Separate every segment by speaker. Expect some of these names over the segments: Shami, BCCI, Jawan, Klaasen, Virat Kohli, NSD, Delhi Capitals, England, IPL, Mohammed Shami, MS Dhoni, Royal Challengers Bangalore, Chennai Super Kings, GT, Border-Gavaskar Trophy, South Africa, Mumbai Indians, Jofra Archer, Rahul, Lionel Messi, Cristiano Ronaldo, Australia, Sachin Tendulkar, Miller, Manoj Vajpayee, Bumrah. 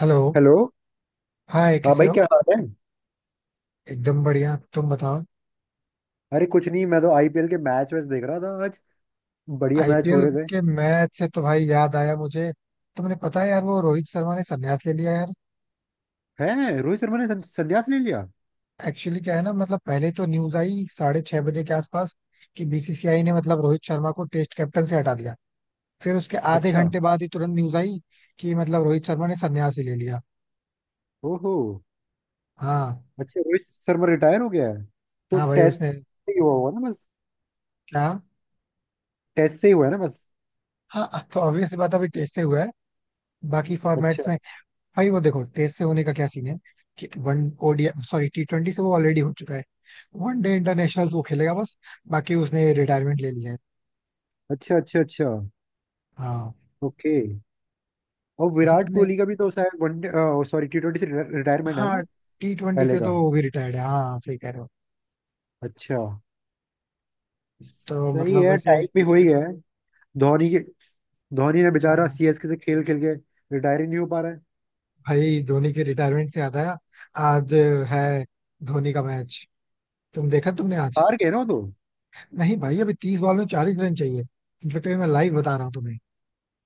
Speaker 1: Hello.
Speaker 2: Hello.
Speaker 1: Hi,
Speaker 2: हाँ
Speaker 1: कैसे
Speaker 2: भाई,
Speaker 1: हो?
Speaker 2: क्या हाल है?
Speaker 1: एकदम बढ़िया, तुम बताओ।
Speaker 2: अरे कुछ नहीं, मैं तो आईपीएल के मैच वैच देख रहा था आज। बढ़िया मैच हो
Speaker 1: आईपीएल
Speaker 2: रहे थे।
Speaker 1: के मैच से तो भाई याद आया मुझे। तुमने पता है यार, वो रोहित शर्मा ने संन्यास ले लिया यार।
Speaker 2: हैं, रोहित शर्मा ने संन्यास ले लिया?
Speaker 1: एक्चुअली क्या है ना, मतलब पहले तो न्यूज आई 6:30 बजे के आसपास कि बीसीसीआई ने मतलब रोहित शर्मा को टेस्ट कैप्टन से हटा दिया। फिर उसके आधे
Speaker 2: अच्छा।
Speaker 1: घंटे बाद ही तुरंत न्यूज आई कि मतलब रोहित शर्मा ने संन्यास ही ले लिया।
Speaker 2: ओहो।
Speaker 1: हाँ।
Speaker 2: अच्छा, रोहित शर्मा रिटायर हो गया है। तो
Speaker 1: हाँ भाई
Speaker 2: टेस्ट
Speaker 1: उसने।
Speaker 2: से ही हुआ हुआ ना बस?
Speaker 1: क्या?
Speaker 2: टेस्ट से ही हुआ है ना बस?
Speaker 1: हाँ तो ऑब्वियस बात है, अभी टेस्ट से हुआ है। बाकी
Speaker 2: अच्छा
Speaker 1: फॉर्मेट्स में भाई वो देखो टेस्ट से होने का क्या सीन है। कि one, ODI sorry T twenty से वो ऑलरेडी हो चुका है। वन डे इंटरनेशनल वो खेलेगा बस, बाकी उसने रिटायरमेंट ले ली है।
Speaker 2: अच्छा अच्छा। अच्छा।
Speaker 1: हाँ।
Speaker 2: ओके। और
Speaker 1: वैसे
Speaker 2: विराट
Speaker 1: तुमने,
Speaker 2: कोहली का भी तो शायद वनडे सॉरी T20 से रिटायरमेंट है ना?
Speaker 1: हाँ टी ट्वेंटी
Speaker 2: पहले
Speaker 1: से
Speaker 2: का।
Speaker 1: तो वो भी रिटायर्ड है, हाँ सही कह रहे हो।
Speaker 2: अच्छा।
Speaker 1: तो
Speaker 2: सही
Speaker 1: मतलब
Speaker 2: है,
Speaker 1: वैसे,
Speaker 2: टाइम भी हो ही गया है। धोनी के। धोनी ने बेचारा
Speaker 1: हाँ
Speaker 2: सीएसके से खेल खेल के रिटायर ही नहीं हो पा रहा है।
Speaker 1: भाई धोनी के रिटायरमेंट से आता है। आज है धोनी का मैच। तुम देखा तुमने आज?
Speaker 2: हार गए ना वो तो?
Speaker 1: नहीं भाई, अभी 30 बॉल में 40 रन चाहिए। इनफेक्ट मैं लाइव बता रहा हूँ तुम्हें।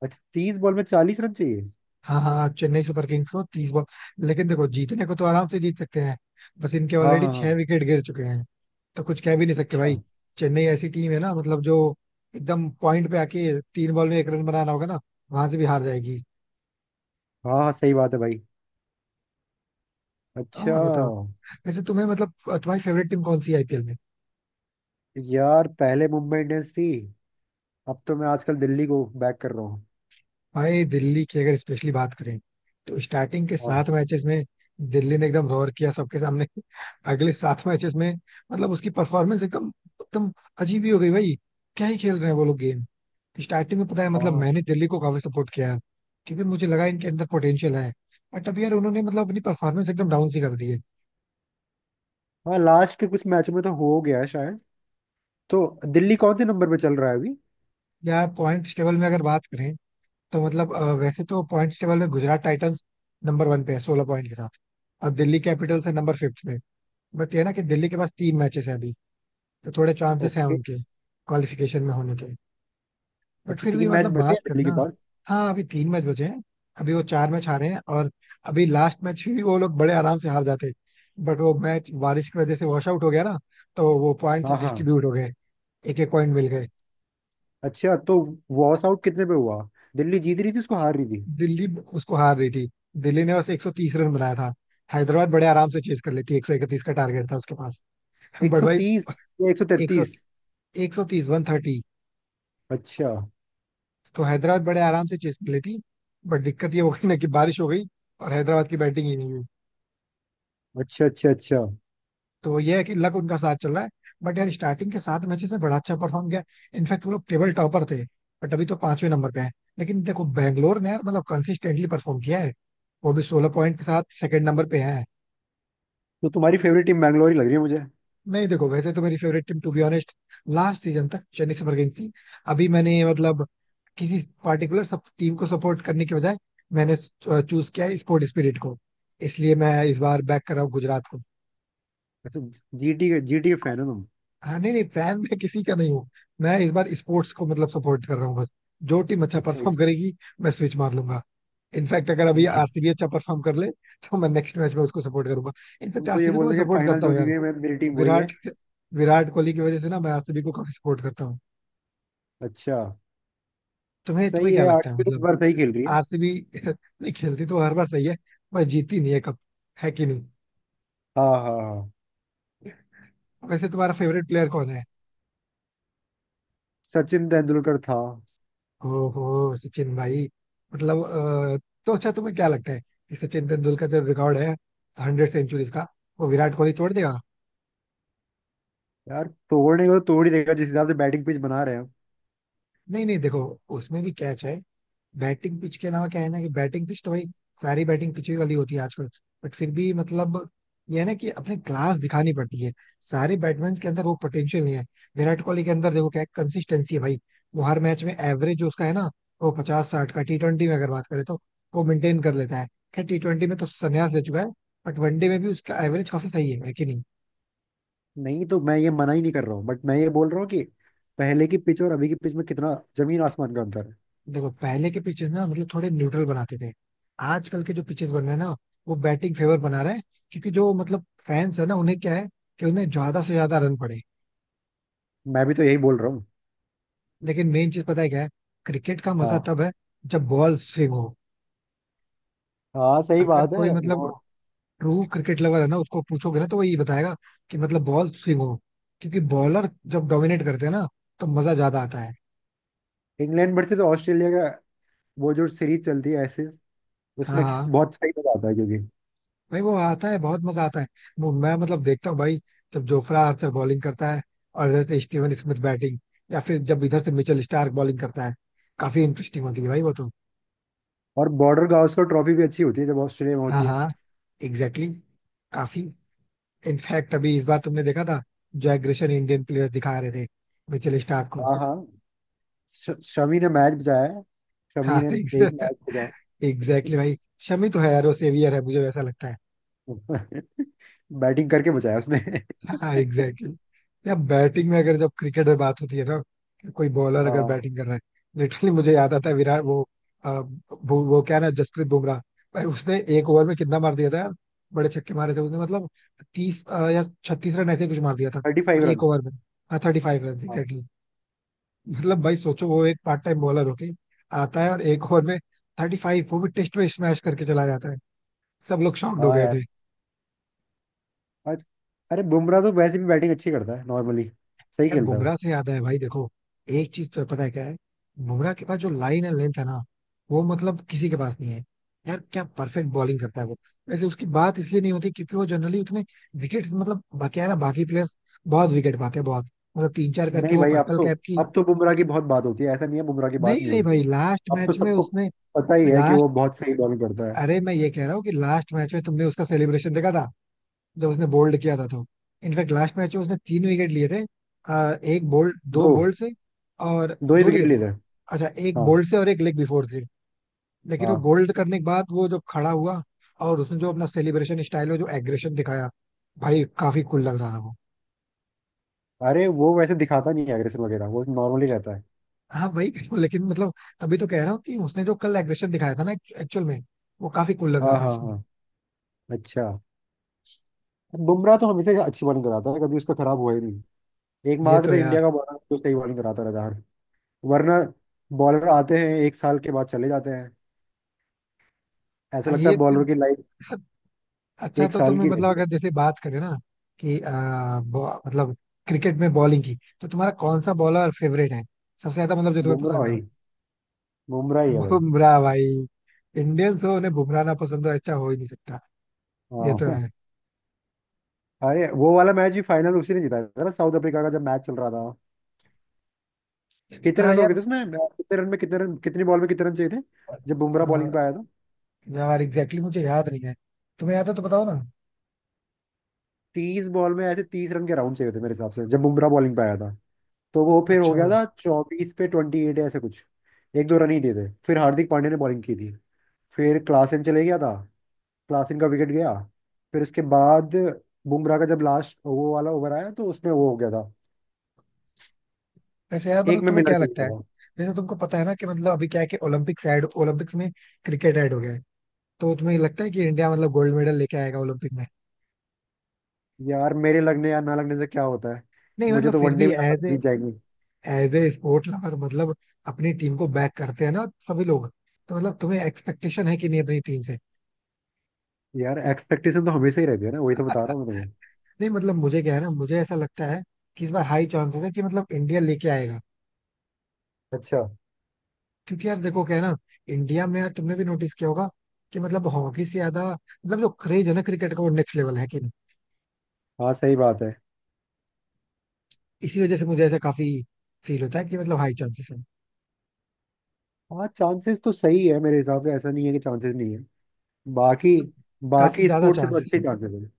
Speaker 2: अच्छा, 30 बॉल में 40 रन चाहिए।
Speaker 1: हाँ हाँ हाँ, चेन्नई सुपर किंग्स को 30 बॉल। लेकिन देखो जीतने को तो आराम से जीत सकते हैं, बस इनके
Speaker 2: हाँ
Speaker 1: ऑलरेडी
Speaker 2: हाँ
Speaker 1: छह
Speaker 2: हाँ।
Speaker 1: विकेट गिर चुके हैं। तो कुछ कह भी नहीं सकते
Speaker 2: अच्छा।
Speaker 1: भाई। चेन्नई ऐसी टीम है ना, मतलब जो एकदम पॉइंट पे आके तीन बॉल में एक रन बनाना होगा ना, वहां से भी हार जाएगी।
Speaker 2: हाँ हाँ, सही बात है भाई। अच्छा।
Speaker 1: और बताओ, वैसे तुम्हें मतलब तुम्हारी फेवरेट टीम कौन सी आईपीएल में?
Speaker 2: यार, पहले मुंबई इंडियंस थी। अब तो मैं आजकल दिल्ली को बैक कर रहा हूँ।
Speaker 1: भाई दिल्ली की अगर स्पेशली बात करें, तो स्टार्टिंग के
Speaker 2: हाँ
Speaker 1: सात मैचेस में दिल्ली ने एकदम रोर किया सबके सामने। अगले सात मैचेस में मतलब उसकी परफॉर्मेंस एकदम एकदम अजीब ही हो गई भाई। क्या ही खेल रहे हैं वो लोग गेम। स्टार्टिंग में पता है, मतलब
Speaker 2: हाँ
Speaker 1: मैंने दिल्ली को काफी सपोर्ट किया है, क्योंकि मुझे लगा इनके अंदर पोटेंशियल है। बट अब यार उन्होंने मतलब अपनी परफॉर्मेंस एकदम डाउन सी कर दी है।
Speaker 2: हाँ। लास्ट के कुछ मैचों में तो हो गया है शायद। तो दिल्ली कौन से नंबर पे चल रहा है अभी?
Speaker 1: यार पॉइंट्स टेबल में अगर बात करें तो मतलब वैसे तो पॉइंट्स टेबल में गुजरात टाइटंस नंबर वन पे है 16 पॉइंट के साथ, और दिल्ली कैपिटल्स है नंबर फिफ्थ पे। बट ये ना कि दिल्ली के पास तीन मैचेस हैं अभी, तो थोड़े चांसेस हैं
Speaker 2: ओके।
Speaker 1: उनके क्वालिफिकेशन में होने के। बट
Speaker 2: अच्छा,
Speaker 1: फिर भी
Speaker 2: 3 मैच
Speaker 1: मतलब
Speaker 2: बचे
Speaker 1: बात
Speaker 2: हैं दिल्ली के
Speaker 1: करना,
Speaker 2: पास।
Speaker 1: हाँ अभी तीन मैच बचे हैं। अभी वो चार मैच हारे हैं, और अभी लास्ट मैच भी वो लोग बड़े आराम से हार जाते, बट वो मैच बारिश की वजह से वॉश आउट हो गया ना। तो वो पॉइंट्स
Speaker 2: हाँ हाँ।
Speaker 1: डिस्ट्रीब्यूट हो गए, एक एक पॉइंट मिल गए।
Speaker 2: अच्छा। तो वॉश आउट कितने पे हुआ? दिल्ली जीत रही थी उसको हार रही थी?
Speaker 1: दिल्ली उसको हार रही थी। दिल्ली ने बस 130 रन बनाया था, हैदराबाद बड़े आराम से चेज कर लेती, 131 का टारगेट था उसके पास।
Speaker 2: एक
Speaker 1: बट
Speaker 2: सौ
Speaker 1: भाई
Speaker 2: तीस या एक सौ
Speaker 1: 100,
Speaker 2: तैतीस
Speaker 1: 130 130,
Speaker 2: अच्छा
Speaker 1: तो हैदराबाद बड़े आराम से चेज कर लेती, बट दिक्कत ये हो गई ना कि बारिश हो गई और हैदराबाद की बैटिंग ही नहीं हुई।
Speaker 2: अच्छा अच्छा। अच्छा,
Speaker 1: तो ये है कि लक उनका साथ चल रहा है। बट यार स्टार्टिंग के सात मैचेस में बड़ा अच्छा परफॉर्म किया, इनफैक्ट वो लोग टेबल टॉपर थे, बट अभी तो पांचवें नंबर पे है। लेकिन देखो बैंगलोर ने यार मतलब कंसिस्टेंटली परफॉर्म किया है, वो भी 16 पॉइंट के साथ सेकंड नंबर पे है।
Speaker 2: तो तुम्हारी फेवरेट टीम बैंगलोर ही लग रही है मुझे।
Speaker 1: नहीं देखो वैसे तो मेरी favourite team to be honest last season तक चेन्नई सुपर किंग्स थी। अभी मैंने मतलब किसी पार्टिकुलर सब टीम को सपोर्ट करने के बजाय मैंने चूज किया है स्पोर्ट स्पिरिट को। इसलिए मैं इस बार बैक कर रहा हूँ गुजरात को।
Speaker 2: अच्छा। जीटी के, जीटी के फैन हो तुम?
Speaker 1: हाँ नहीं नहीं, फैन मैं किसी का नहीं हूँ। मैं इस बार स्पोर्ट्स को मतलब सपोर्ट कर रहा हूँ बस, जो टीम अच्छा
Speaker 2: अच्छा
Speaker 1: परफॉर्म करेगी मैं स्विच मार लूंगा। इनफैक्ट अगर अभी
Speaker 2: जी।
Speaker 1: आरसीबी अच्छा परफॉर्म कर ले तो मैं नेक्स्ट मैच में उसको सपोर्ट करूंगा। इनफैक्ट
Speaker 2: तुम तो ये
Speaker 1: आरसीबी को
Speaker 2: बोल
Speaker 1: मैं
Speaker 2: रहे हो कि
Speaker 1: सपोर्ट
Speaker 2: फाइनल
Speaker 1: करता
Speaker 2: जो
Speaker 1: हूँ
Speaker 2: जीती
Speaker 1: यार,
Speaker 2: है मेरी टीम वही है।
Speaker 1: विराट विराट कोहली की वजह से ना मैं आरसीबी को काफी सपोर्ट करता हूँ।
Speaker 2: अच्छा।
Speaker 1: तुम्हें
Speaker 2: सही
Speaker 1: तुम्हें क्या
Speaker 2: है,
Speaker 1: लगता है
Speaker 2: आरसीबी इस
Speaker 1: मतलब?
Speaker 2: बार सही खेल रही है।
Speaker 1: आरसीबी नहीं खेलती तो हर बार सही है, पर जीती नहीं है कब, है कि नहीं?
Speaker 2: हाँ हाँ हाँ।
Speaker 1: वैसे तुम्हारा फेवरेट प्लेयर कौन है?
Speaker 2: सचिन तेंदुलकर था।
Speaker 1: ओहो सचिन भाई। मतलब तो अच्छा तुम्हें क्या लगता है कि सचिन तेंदुलकर जो रिकॉर्ड है 100 सेंचुरीज का, वो विराट कोहली तोड़ देगा?
Speaker 2: यार, तोड़ने को तो तोड़ ही देगा जिस हिसाब से बैटिंग पिच बना रहे हैं।
Speaker 1: नहीं नहीं देखो, उसमें भी कैच है। बैटिंग पिच के अलावा क्या है ना, कि बैटिंग पिच तो भाई सारी बैटिंग पिच ही वाली होती है आजकल। बट फिर भी मतलब ये है ना कि अपने क्लास दिखानी पड़ती है। सारे बैट्समैन के अंदर वो पोटेंशियल नहीं है। विराट कोहली के अंदर देखो क्या कंसिस्टेंसी है भाई। वो हर मैच में एवरेज जो उसका है ना, वो 50-60 का टी ट्वेंटी में अगर बात करें तो वो मेंटेन कर लेता है। खैर टी ट्वेंटी में तो संन्यास ले चुका है, बट वनडे में भी उसका एवरेज काफी सही है कि नहीं?
Speaker 2: नहीं, तो मैं ये मना ही नहीं कर रहा हूँ, बट मैं ये बोल रहा हूँ कि पहले की पिच और अभी की पिच में कितना जमीन आसमान का अंतर है।
Speaker 1: देखो पहले के पिचेस ना मतलब थोड़े न्यूट्रल बनाते थे, आजकल के जो पिचेस बन रहे हैं ना वो बैटिंग फेवर बना रहे हैं, क्योंकि जो मतलब फैंस है ना उन्हें क्या है, कि उन्हें ज्यादा से ज्यादा रन पड़े।
Speaker 2: मैं भी तो यही बोल रहा हूँ।
Speaker 1: लेकिन मेन चीज पता है क्या है, क्रिकेट का मजा
Speaker 2: हाँ
Speaker 1: तब है जब बॉल स्विंग हो।
Speaker 2: हाँ, सही
Speaker 1: अगर
Speaker 2: बात
Speaker 1: कोई
Speaker 2: है वो।
Speaker 1: मतलब ट्रू क्रिकेट लवर है ना उसको पूछोगे ना तो वो ये बताएगा कि मतलब बॉल स्विंग हो, क्योंकि बॉलर जब डोमिनेट करते हैं ना तो मजा ज्यादा आता है।
Speaker 2: इंग्लैंड वर्सेस ऑस्ट्रेलिया का वो जो सीरीज चलती है
Speaker 1: हाँ
Speaker 2: उसमें
Speaker 1: हाँ
Speaker 2: बहुत सही मजा आता है क्योंकि
Speaker 1: भाई वो आता है, बहुत मजा आता है। मैं मतलब देखता हूँ भाई, जब जोफ्रा आर्चर बॉलिंग करता है और इधर से स्टीवन स्मिथ बैटिंग, या फिर जब इधर से मिचेल स्टार्क बॉलिंग करता है, काफी इंटरेस्टिंग होती है भाई वो तो।
Speaker 2: और बॉर्डर गावस्कर ट्रॉफी भी अच्छी होती है जब ऑस्ट्रेलिया में
Speaker 1: हाँ
Speaker 2: होती है।
Speaker 1: हाँ, एग्जैक्टली exactly, काफी। इनफैक्ट अभी इस बार तुमने देखा था जो एग्रेशन इंडियन प्लेयर्स दिखा रहे थे मिचेल स्टार्क को।
Speaker 2: हाँ हाँ। शमी ने मैच बचाया है। शमी
Speaker 1: हाँ
Speaker 2: ने एक मैच बचाया।
Speaker 1: एग्जैक्टली भाई, शमी तो है यार वो सेवियर है, मुझे वैसा लगता है।
Speaker 2: बैटिंग करके बचाया उसने।
Speaker 1: हाँ एग्जैक्टली exactly। या बैटिंग में अगर जब क्रिकेट में बात होती है ना कि कोई बॉलर अगर
Speaker 2: हाँ,
Speaker 1: बैटिंग कर रहा है, लिटरली मुझे याद आता है विराट वो क्या ना जसप्रीत बुमराह। भाई उसने एक ओवर में कितना मार दिया था यार, बड़े छक्के मारे थे उसने मतलब। तीस या 36 रन ऐसे कुछ मार दिया था
Speaker 2: 35 रन।
Speaker 1: एक ओवर में। हाँ 35 रन,
Speaker 2: हाँ
Speaker 1: एग्जैक्टली। मतलब भाई सोचो वो एक पार्ट टाइम बॉलर होके आता है और एक ओवर में 35 वो भी टेस्ट में स्मैश करके चला जाता है, सब लोग शॉक्ड हो
Speaker 2: हाँ।
Speaker 1: गए।
Speaker 2: यार आज। अरे बुमराह तो वैसे भी बैटिंग अच्छी करता है नॉर्मली। सही
Speaker 1: यार
Speaker 2: खेलता है वो।
Speaker 1: बुमराह से याद है भाई देखो, एक चीज तो है, पता है क्या है, बुमराह के पास जो लाइन एंड लेंथ है ना वो मतलब किसी के पास नहीं है। यार क्या परफेक्ट बॉलिंग करता है वो। वैसे उसकी बात इसलिए नहीं होती क्योंकि वो जनरली उतने विकेट, मतलब बाकी है ना बाकी प्लेयर्स बहुत विकेट पाते हैं बहुत, मतलब तीन चार करके
Speaker 2: नहीं
Speaker 1: वो
Speaker 2: भाई, अब
Speaker 1: पर्पल
Speaker 2: तो
Speaker 1: कैप की।
Speaker 2: अब तो बुमराह की बहुत बात होती है, ऐसा नहीं है बुमराह की
Speaker 1: नहीं
Speaker 2: बात नहीं
Speaker 1: नहीं
Speaker 2: होती है।
Speaker 1: भाई लास्ट
Speaker 2: अब तो
Speaker 1: मैच में
Speaker 2: सबको
Speaker 1: उसने,
Speaker 2: पता ही है कि
Speaker 1: लास्ट
Speaker 2: वो बहुत सही बॉलिंग करता है।
Speaker 1: अरे मैं ये कह रहा हूँ कि लास्ट मैच में तुमने उसका सेलिब्रेशन देखा था, जब उसने बोल्ड किया था तो। इनफैक्ट लास्ट मैच में उसने तीन विकेट लिए थे, एक बोल्ड दो
Speaker 2: दो।
Speaker 1: बोल्ड से और
Speaker 2: दो ही
Speaker 1: दो
Speaker 2: विकेट
Speaker 1: लिए
Speaker 2: ले
Speaker 1: थे।
Speaker 2: रहे हैं।
Speaker 1: अच्छा एक
Speaker 2: हाँ
Speaker 1: बोल्ड से और एक लेग बिफोर से। लेकिन वो
Speaker 2: हाँ।
Speaker 1: बोल्ड करने के बाद वो जब खड़ा हुआ और उसने जो अपना सेलिब्रेशन स्टाइल में जो एग्रेशन दिखाया, भाई काफी कूल लग रहा था वो।
Speaker 2: अरे वो वैसे दिखाता नहीं है एग्रेशन वगैरह, वो नॉर्मली रहता है।
Speaker 1: हाँ भाई लेकिन मतलब, तभी तो कह रहा हूँ कि उसने जो कल एग्रेशन दिखाया था ना एक्चुअल में, वो काफी कूल लग
Speaker 2: हाँ
Speaker 1: रहा था
Speaker 2: हाँ
Speaker 1: उसमें।
Speaker 2: हाँ। अच्छा। बुमराह तो हमेशा अच्छी बॉलिंग कराता है, कभी उसका खराब हुआ ही नहीं।
Speaker 1: ये
Speaker 2: एकमात्र
Speaker 1: तो यार,
Speaker 2: इंडिया का बॉलर जो सही बॉलिंग कराता रहता है। वरना बॉलर आते हैं, एक साल के बाद चले जाते हैं। ऐसा
Speaker 1: हाँ
Speaker 2: लगता है
Speaker 1: ये,
Speaker 2: बॉलर की लाइफ
Speaker 1: अच्छा
Speaker 2: एक
Speaker 1: तो
Speaker 2: साल
Speaker 1: तुम्हें
Speaker 2: की
Speaker 1: मतलब
Speaker 2: रहती है।
Speaker 1: अगर जैसे बात करें ना कि मतलब क्रिकेट में बॉलिंग की, तो तुम्हारा कौन सा बॉलर फेवरेट है, सबसे ज्यादा मतलब जो तुम्हें
Speaker 2: बुमराह
Speaker 1: पसंद हो?
Speaker 2: भाई। बुमराह ही है भाई।
Speaker 1: बुमराह भाई, इंडियंस हो उन्हें बुमराह ना पसंद हो ऐसा हो ही नहीं सकता, ये
Speaker 2: हाँ।
Speaker 1: तो है।
Speaker 2: अरे वो वाला मैच भी फाइनल उसी ने जिताया था ना, साउथ अफ्रीका का, जब मैच चल रहा था कितने
Speaker 1: हाँ
Speaker 2: रन हो गए
Speaker 1: यार,
Speaker 2: थे उसमें, कितने रन में, कितने रन, कितनी बॉल में कितने रन चाहिए थे जब
Speaker 1: अ,
Speaker 2: बुमराह बॉलिंग पे आया।
Speaker 1: यार एग्जैक्टली exactly, मुझे याद नहीं है, तुम्हें याद है तो बताओ ना।
Speaker 2: 30 बॉल में ऐसे 30 रन के राउंड चाहिए थे मेरे हिसाब से जब बुमराह बॉलिंग पे आया था। तो वो फिर हो
Speaker 1: अच्छा
Speaker 2: गया था 24 पे 28, ऐसे कुछ। एक दो रन ही दिए थे, फिर हार्दिक पांड्या ने बॉलिंग की थी। फिर क्लासेन चले गया था। क्लासेन का विकेट गया। फिर उसके बाद बुमराह का जब लास्ट वो वाला ओवर आया तो उसमें वो हो गया था।
Speaker 1: वैसे यार
Speaker 2: एक
Speaker 1: मतलब
Speaker 2: में
Speaker 1: तुम्हें
Speaker 2: मिलर
Speaker 1: क्या
Speaker 2: चले
Speaker 1: लगता है,
Speaker 2: गया था।
Speaker 1: जैसे तुमको पता है ना कि मतलब अभी क्या है कि ओलंपिक्स ऐड, ओलंपिक्स में क्रिकेट ऐड हो गया है, तो तुम्हें लगता है कि इंडिया मतलब गोल्ड मेडल लेके आएगा ओलंपिक में?
Speaker 2: यार, मेरे लगने या ना लगने से क्या होता है?
Speaker 1: नहीं
Speaker 2: मुझे
Speaker 1: मतलब
Speaker 2: तो
Speaker 1: फिर
Speaker 2: वनडे
Speaker 1: भी
Speaker 2: भी लगा था
Speaker 1: एज ए,
Speaker 2: जीत जाएंगे।
Speaker 1: एज ए स्पोर्ट लवर मतलब अपनी टीम को बैक करते हैं ना सभी लोग, तो मतलब तुम्हें एक्सपेक्टेशन है कि नहीं अपनी टीम से?
Speaker 2: यार, एक्सपेक्टेशन तो हमेशा ही रहती है ना, वही तो बता रहा हूँ मैं तुम्हें।
Speaker 1: नहीं मतलब मुझे क्या है ना मुझे ऐसा लगता है कि इस बार हाई चांसेस है कि मतलब इंडिया लेके आएगा।
Speaker 2: अच्छा।
Speaker 1: क्योंकि यार देखो क्या है ना, इंडिया में यार तुमने भी नोटिस किया होगा कि मतलब हॉकी से ज्यादा, मतलब जो क्रेज है ना क्रिकेट का वो नेक्स्ट लेवल है, कि नहीं?
Speaker 2: हाँ सही बात है।
Speaker 1: इसी वजह से मुझे ऐसा काफी फील होता है कि मतलब हाई चांसेस है,
Speaker 2: हाँ, चांसेस तो सही है मेरे हिसाब से, ऐसा नहीं है कि चांसेस नहीं है। बाकी
Speaker 1: मतलब काफी
Speaker 2: बाकी
Speaker 1: ज्यादा
Speaker 2: स्पोर्ट्स से तो
Speaker 1: चांसेस।
Speaker 2: अच्छे चांसेस हैं।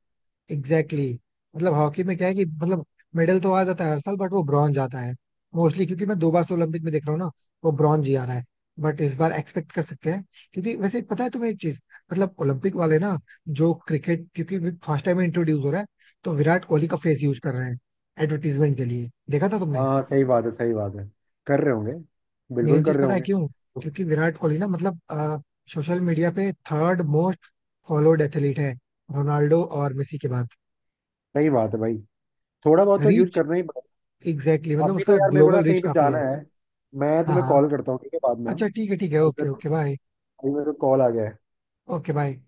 Speaker 1: Exactly exactly। मतलब हॉकी में क्या है कि मतलब मेडल तो आ जाता है हर साल, बट वो ब्रॉन्ज आता है मोस्टली, क्योंकि मैं दो बार से ओलंपिक में देख रहा हूँ ना वो ब्रॉन्ज ही आ रहा है। बट इस बार एक्सपेक्ट कर सकते हैं, क्योंकि वैसे पता है तुम्हें एक चीज, मतलब ओलंपिक वाले ना, जो क्रिकेट क्योंकि फर्स्ट टाइम इंट्रोड्यूस हो रहा है, तो विराट कोहली का फेस यूज कर रहे हैं एडवर्टीजमेंट के लिए, देखा था तुमने?
Speaker 2: हाँ सही बात है, सही बात है, कर रहे होंगे। बिल्कुल
Speaker 1: मेन
Speaker 2: कर
Speaker 1: चीज
Speaker 2: रहे
Speaker 1: पता है
Speaker 2: होंगे।
Speaker 1: क्यों? क्योंकि विराट कोहली ना मतलब सोशल मीडिया पे थर्ड मोस्ट फॉलोड एथलीट है, रोनाल्डो और मेसी के बाद।
Speaker 2: सही बात है भाई, थोड़ा बहुत तो यूज
Speaker 1: रीच,
Speaker 2: करना ही पड़ेगा।
Speaker 1: एग्जैक्टली exactly, मतलब
Speaker 2: अभी तो
Speaker 1: उसका
Speaker 2: यार मेरे को ना
Speaker 1: ग्लोबल रीच
Speaker 2: कहीं पे
Speaker 1: काफी
Speaker 2: जाना
Speaker 1: है।
Speaker 2: है, मैं
Speaker 1: हाँ
Speaker 2: तुम्हें
Speaker 1: हाँ,
Speaker 2: कॉल करता हूँ, ठीक है बाद में हाँ?
Speaker 1: अच्छा ठीक है ठीक है,
Speaker 2: अभी मेरे
Speaker 1: ओके
Speaker 2: को
Speaker 1: ओके बाय।
Speaker 2: अभी मेरे को कॉल आ गया।
Speaker 1: Okay bye.